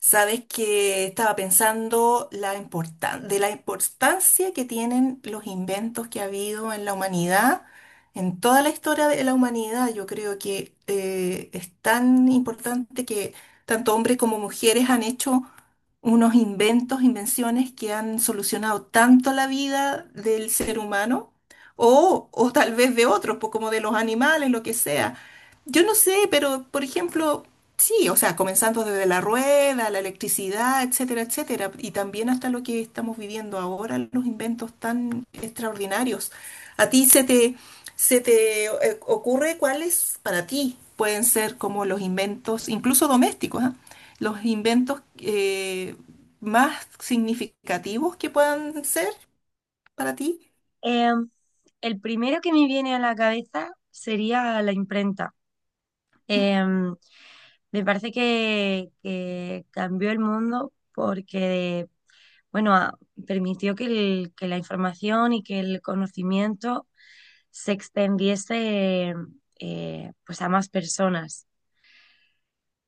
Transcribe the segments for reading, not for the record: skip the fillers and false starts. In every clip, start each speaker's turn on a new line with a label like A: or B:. A: Sabes que estaba pensando de la importancia que tienen los inventos que ha habido en la humanidad, en toda la historia de la humanidad. Yo creo que es tan importante que tanto hombres como mujeres han hecho unos inventos, invenciones que han solucionado tanto la vida del ser humano o tal vez de otros, pues como de los animales, lo que sea. Yo no sé, pero por ejemplo... Sí, o sea, comenzando desde la rueda, la electricidad, etcétera, etcétera, y también hasta lo que estamos viviendo ahora, los inventos tan extraordinarios. ¿A ti se te ocurre cuáles para ti pueden ser como los inventos, incluso domésticos, ah? Los inventos más significativos que puedan ser para ti?
B: Em, el primero que me viene a la cabeza sería la imprenta.
A: Mm.
B: Em, Me parece que cambió el mundo porque, bueno, permitió que la información y que el conocimiento se extendiese pues a más personas.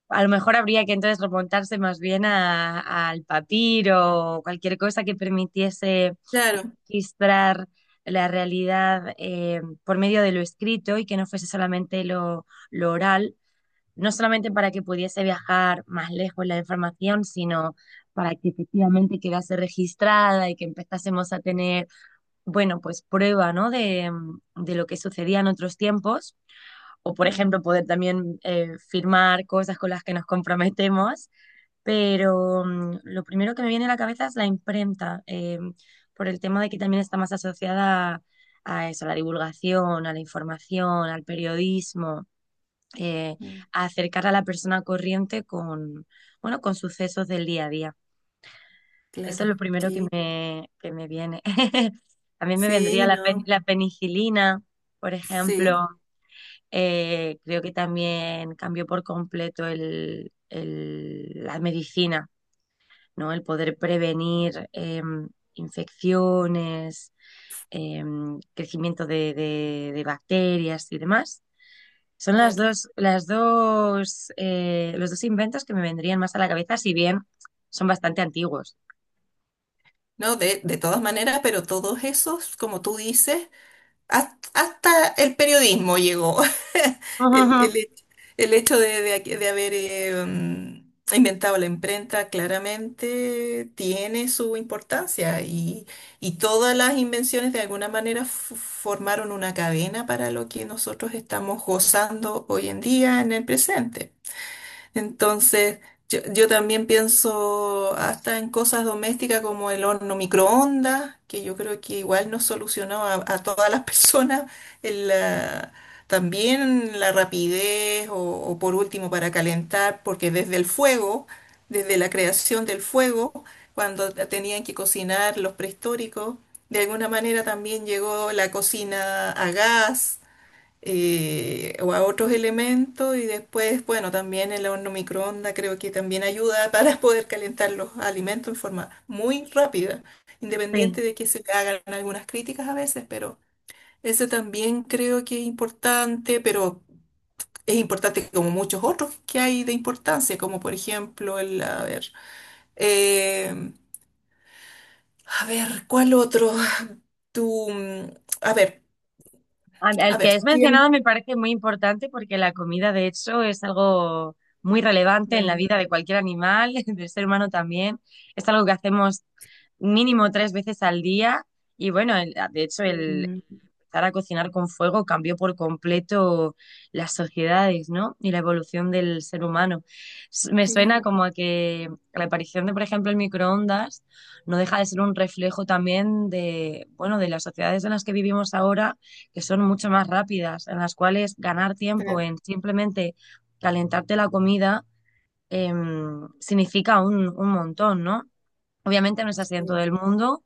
B: A lo mejor habría que entonces remontarse más bien al papiro o cualquier cosa que permitiese
A: Claro.
B: registrar la realidad por medio de lo escrito y que no fuese solamente lo oral, no solamente para que pudiese viajar más lejos la información, sino para que efectivamente quedase registrada y que empezásemos a tener, bueno, pues prueba, ¿no? De de lo que sucedía en otros tiempos, o por
A: Mm,
B: ejemplo poder también firmar cosas con las que nos comprometemos pero lo primero que me viene a la cabeza es la imprenta, por el tema de que también está más asociada a, eso, a la divulgación, a la información, al periodismo, eh,
A: mm,
B: a acercar a la persona corriente con, bueno, con sucesos del día a día. Eso es
A: claro,
B: lo primero que
A: sí,
B: que me viene. A mí me vendría
A: sí, no,
B: la penicilina, por
A: sí,
B: ejemplo. Creo que también cambió por completo la medicina, ¿no? El poder prevenir infecciones, eh, crecimiento de bacterias y demás. Son las
A: claro.
B: dos, las dos, los dos inventos que me vendrían más a la cabeza, si bien son bastante antiguos.
A: No, de todas maneras, pero todos esos, como tú dices, has- hasta el periodismo llegó. El, el hecho, el hecho de haber inventado la imprenta claramente tiene su importancia y todas las invenciones de alguna manera formaron una cadena para lo que nosotros estamos gozando hoy en día en el presente. Entonces, yo también pienso hasta en cosas domésticas como el horno microondas, que yo creo que igual nos solucionó a todas las personas el, la- también la rapidez o por último para calentar, porque desde el fuego, desde la creación del fuego, cuando tenían que cocinar los prehistóricos, de alguna manera también llegó la cocina a gas o a otros elementos y después, bueno, también el horno microondas creo que también ayuda para poder calentar los alimentos en forma muy rápida,
B: Sí.
A: independiente de que se le hagan algunas críticas a veces, pero ese también creo que es importante, pero es importante como muchos otros que hay de importancia, como por ejemplo el, eh, a ver, ¿cuál otro? Tú, mm, a ver,
B: Al
A: a
B: al que
A: ver,
B: has
A: tienes...
B: mencionado me parece muy importante porque la comida, de hecho, es algo muy relevante en la
A: Mm,
B: vida de cualquier animal, del ser humano también. Es algo que hacemos mínimo tres veces al día y bueno, de hecho, el
A: mm.
B: empezar a cocinar con fuego cambió por completo las sociedades, ¿no? Y la evolución del ser humano. Me suena
A: Claro.
B: como a que la aparición de, por ejemplo, el microondas no deja de ser un reflejo también de, bueno, de las sociedades en las que vivimos ahora, que son mucho más rápidas, en las cuales ganar tiempo
A: Claro.
B: en simplemente calentarte la comida eh, significa un montón, ¿no? Obviamente no es así en todo
A: Sí,
B: el mundo,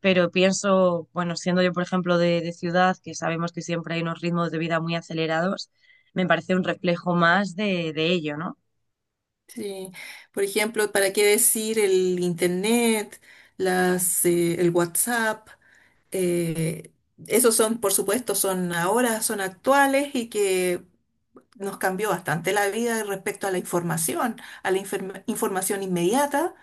B: pero pienso, bueno, siendo yo, por ejemplo, de ciudad, que sabemos que siempre hay unos ritmos de vida muy acelerados, me parece un reflejo más de ello, ¿no?
A: sí. Por ejemplo, ¿para qué decir el internet, las, el WhatsApp? eh, Esos son, por supuesto, son ahora, son actuales y que nos cambió bastante la vida respecto a la información, a información inmediata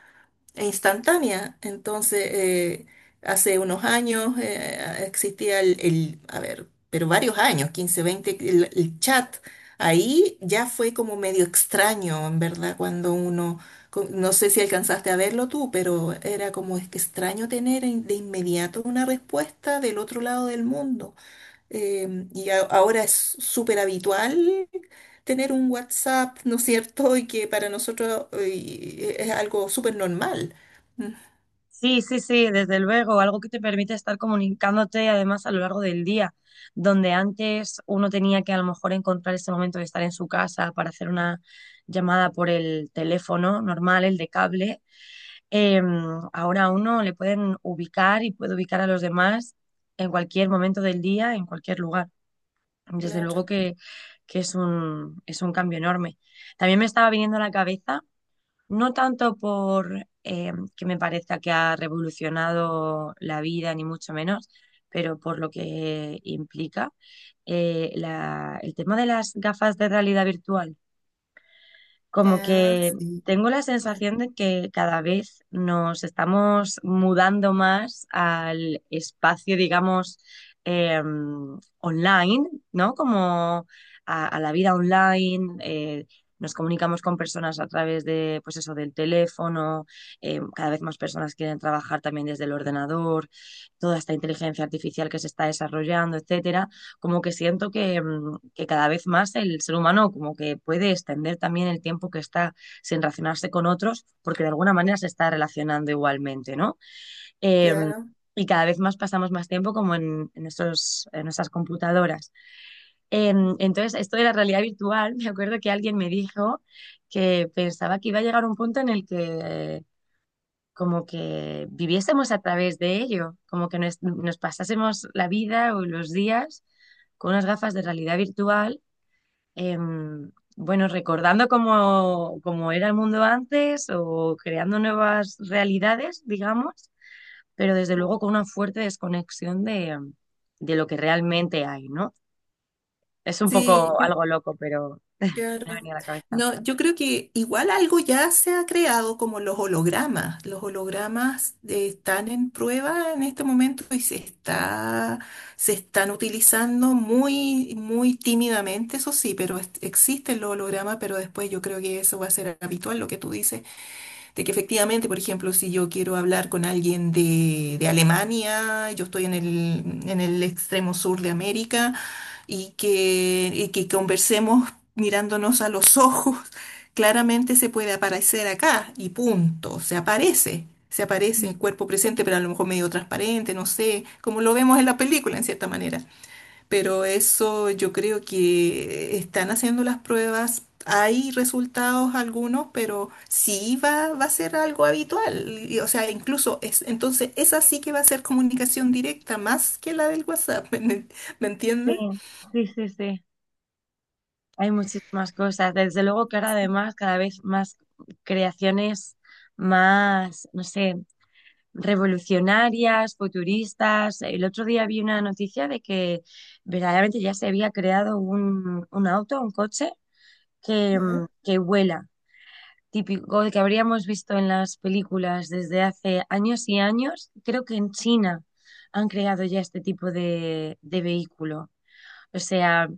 A: instantánea. Entonces, hace unos años existía a ver, pero varios años, 15 20 el chat. Ahí ya fue como medio extraño, en verdad, cuando uno, no sé si alcanzaste a verlo tú, pero era como es que extraño tener de inmediato una respuesta del otro lado del mundo. Ahora es súper habitual tener un WhatsApp, ¿no es cierto? Y que para nosotros es algo súper normal. Mm.
B: Sí, sí, sí, desde luego, algo que te permite estar comunicándote además a lo largo del día, donde antes uno tenía que a lo mejor encontrar ese momento de estar en su casa para hacer una llamada por el teléfono normal, el de cable, eh, ahora a uno le pueden ubicar y puede ubicar a los demás en cualquier momento del día, en cualquier lugar. Desde
A: Claro.
B: luego que es es un cambio enorme. También me estaba viniendo a la cabeza no tanto por que me parezca que ha revolucionado la vida, ni mucho menos, pero por lo que implica el tema de las gafas de realidad virtual, como
A: Ah,
B: que
A: sí.
B: tengo la
A: Mm.
B: sensación de que cada vez nos estamos mudando más al espacio, digamos, eh, online, ¿no? Como a la vida online. Nos comunicamos con personas a través de, pues eso, del teléfono, cada vez más personas quieren trabajar también desde el ordenador, toda esta inteligencia artificial que se está desarrollando, etcétera, como que siento que que cada vez más el ser humano como que puede extender también el tiempo que está sin relacionarse con otros, porque de alguna manera se está relacionando igualmente, ¿no? Em,
A: Claro.
B: y cada vez más pasamos más tiempo como esos en nuestras computadoras. Entonces, esto de la realidad virtual, me acuerdo que alguien me dijo que pensaba que iba a llegar un punto en el que como que viviésemos a través de ello, como que nos pasásemos la vida o los días con unas gafas de realidad virtual, em, bueno, recordando cómo, cómo era el mundo antes o creando nuevas realidades, digamos, pero desde luego
A: Mm.
B: con una fuerte desconexión de lo que realmente hay, ¿no? Es un
A: Sí.
B: poco algo loco, pero me ha
A: Claro.
B: venido a la cabeza.
A: No, yo creo que igual algo ya se ha creado como los hologramas. Los hologramas están en prueba en este momento y se está, se están utilizando muy, muy tímidamente, eso sí, pero existen los hologramas, pero después yo creo que eso va a ser habitual, lo que tú dices, de que efectivamente, por ejemplo, si yo quiero hablar con alguien de Alemania, yo estoy en en el extremo sur de América, y que conversemos mirándonos a los ojos, claramente se puede aparecer acá y punto, se aparece. Se aparece el cuerpo presente, pero a lo mejor medio transparente, no sé, como lo vemos en la película, en cierta manera. Pero eso yo creo que están haciendo las pruebas. Hay resultados algunos, pero sí va a ser algo habitual. Y, o sea, incluso es, entonces esa sí que va a ser comunicación directa más que la del WhatsApp. ¿Me, me
B: Sí,
A: entiendes?
B: sí, sí, sí. Hay muchísimas cosas. Desde luego que ahora además cada vez más creaciones más, no sé, revolucionarias, futuristas. El otro día vi una noticia de que verdaderamente ya se había creado un auto, un coche que que vuela. Típico de que habríamos visto en las películas desde hace años y años. Creo que en China han creado ya este tipo de vehículo. O sea,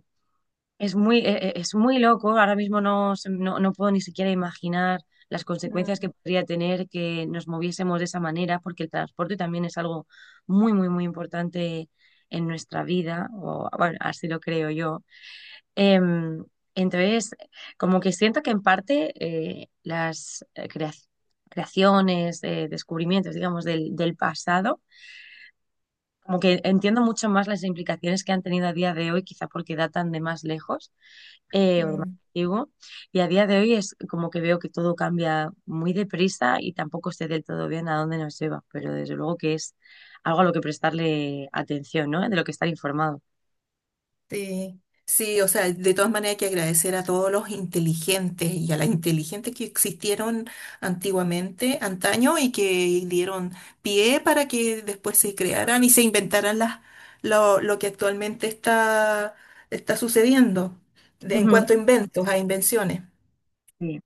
B: es muy, es muy loco, ahora mismo no, no puedo ni siquiera imaginar las consecuencias que podría tener que nos moviésemos de esa manera, porque el transporte también es algo muy, muy, muy importante en nuestra vida, o bueno, así lo creo yo. Em, entonces, como que siento que en parte las creaciones, descubrimientos, digamos, del, del pasado, como que entiendo mucho más las implicaciones que han tenido a día de hoy, quizá porque datan de más lejos o de más antiguo. Y a día de hoy es como que veo que todo cambia muy deprisa y tampoco sé del todo bien a dónde nos lleva, pero desde luego que es algo a lo que prestarle atención, ¿no? De lo que estar informado.
A: Sí, sí, o sea, de todas maneras hay que agradecer a todos los inteligentes y a las inteligentes que existieron antiguamente, antaño, y que dieron pie para que después se crearan y se inventaran las, lo que actualmente está, está sucediendo en
B: Ujú,
A: cuanto a inventos, a invenciones.
B: sí.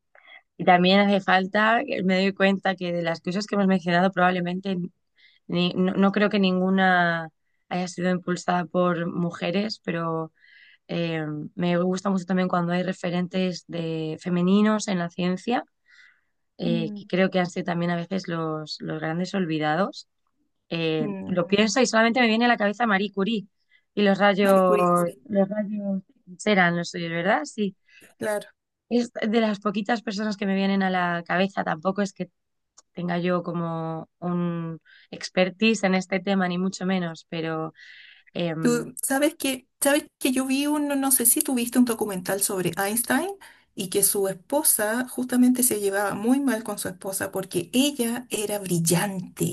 B: Y también hace falta, me doy cuenta que de las cosas que hemos mencionado probablemente no creo que ninguna haya sido impulsada por mujeres, pero eh, me gusta mucho también cuando hay referentes de femeninos en la ciencia que
A: Mm.
B: creo que han sido también a veces los grandes olvidados.
A: Mm.
B: Lo pienso y solamente me viene a la cabeza Marie Curie y
A: Marie Curie, sí,
B: los rayos serán los suyos, ¿verdad? Sí,
A: claro.
B: es de las poquitas personas que me vienen a la cabeza, tampoco es que tenga yo como un expertise en este tema, ni mucho menos, pero... em,
A: Tú sabes que yo vi un, no no sé si tuviste un documental sobre Einstein y que su esposa justamente se llevaba muy mal con su esposa porque ella era brillante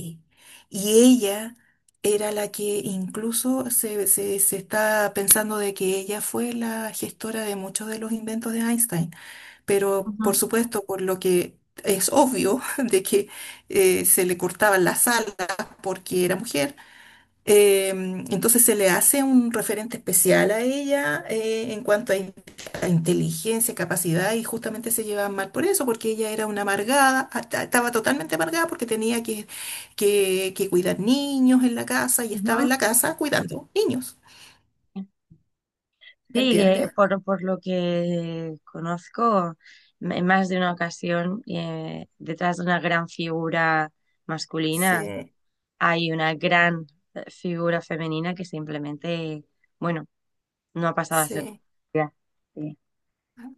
A: y ella era la que incluso se está pensando de que ella fue la gestora de muchos de los inventos de Einstein, pero
B: ujú,
A: por supuesto por lo que es obvio de que se le cortaban las alas porque era mujer eh, entonces se le hace un referente especial a ella en cuanto a, a inteligencia, capacidad y justamente se llevaban mal por eso, porque ella era una amargada, estaba totalmente amargada porque tenía que cuidar niños en la casa y estaba
B: ujú.
A: en la casa cuidando niños. ¿Me
B: Sí, que
A: entiendes?
B: por lo que conozco, en más de una ocasión, detrás de una gran figura
A: Sí,
B: masculina hay una gran figura femenina que simplemente, bueno, no ha pasado a ser.
A: sí.
B: Ya, sí.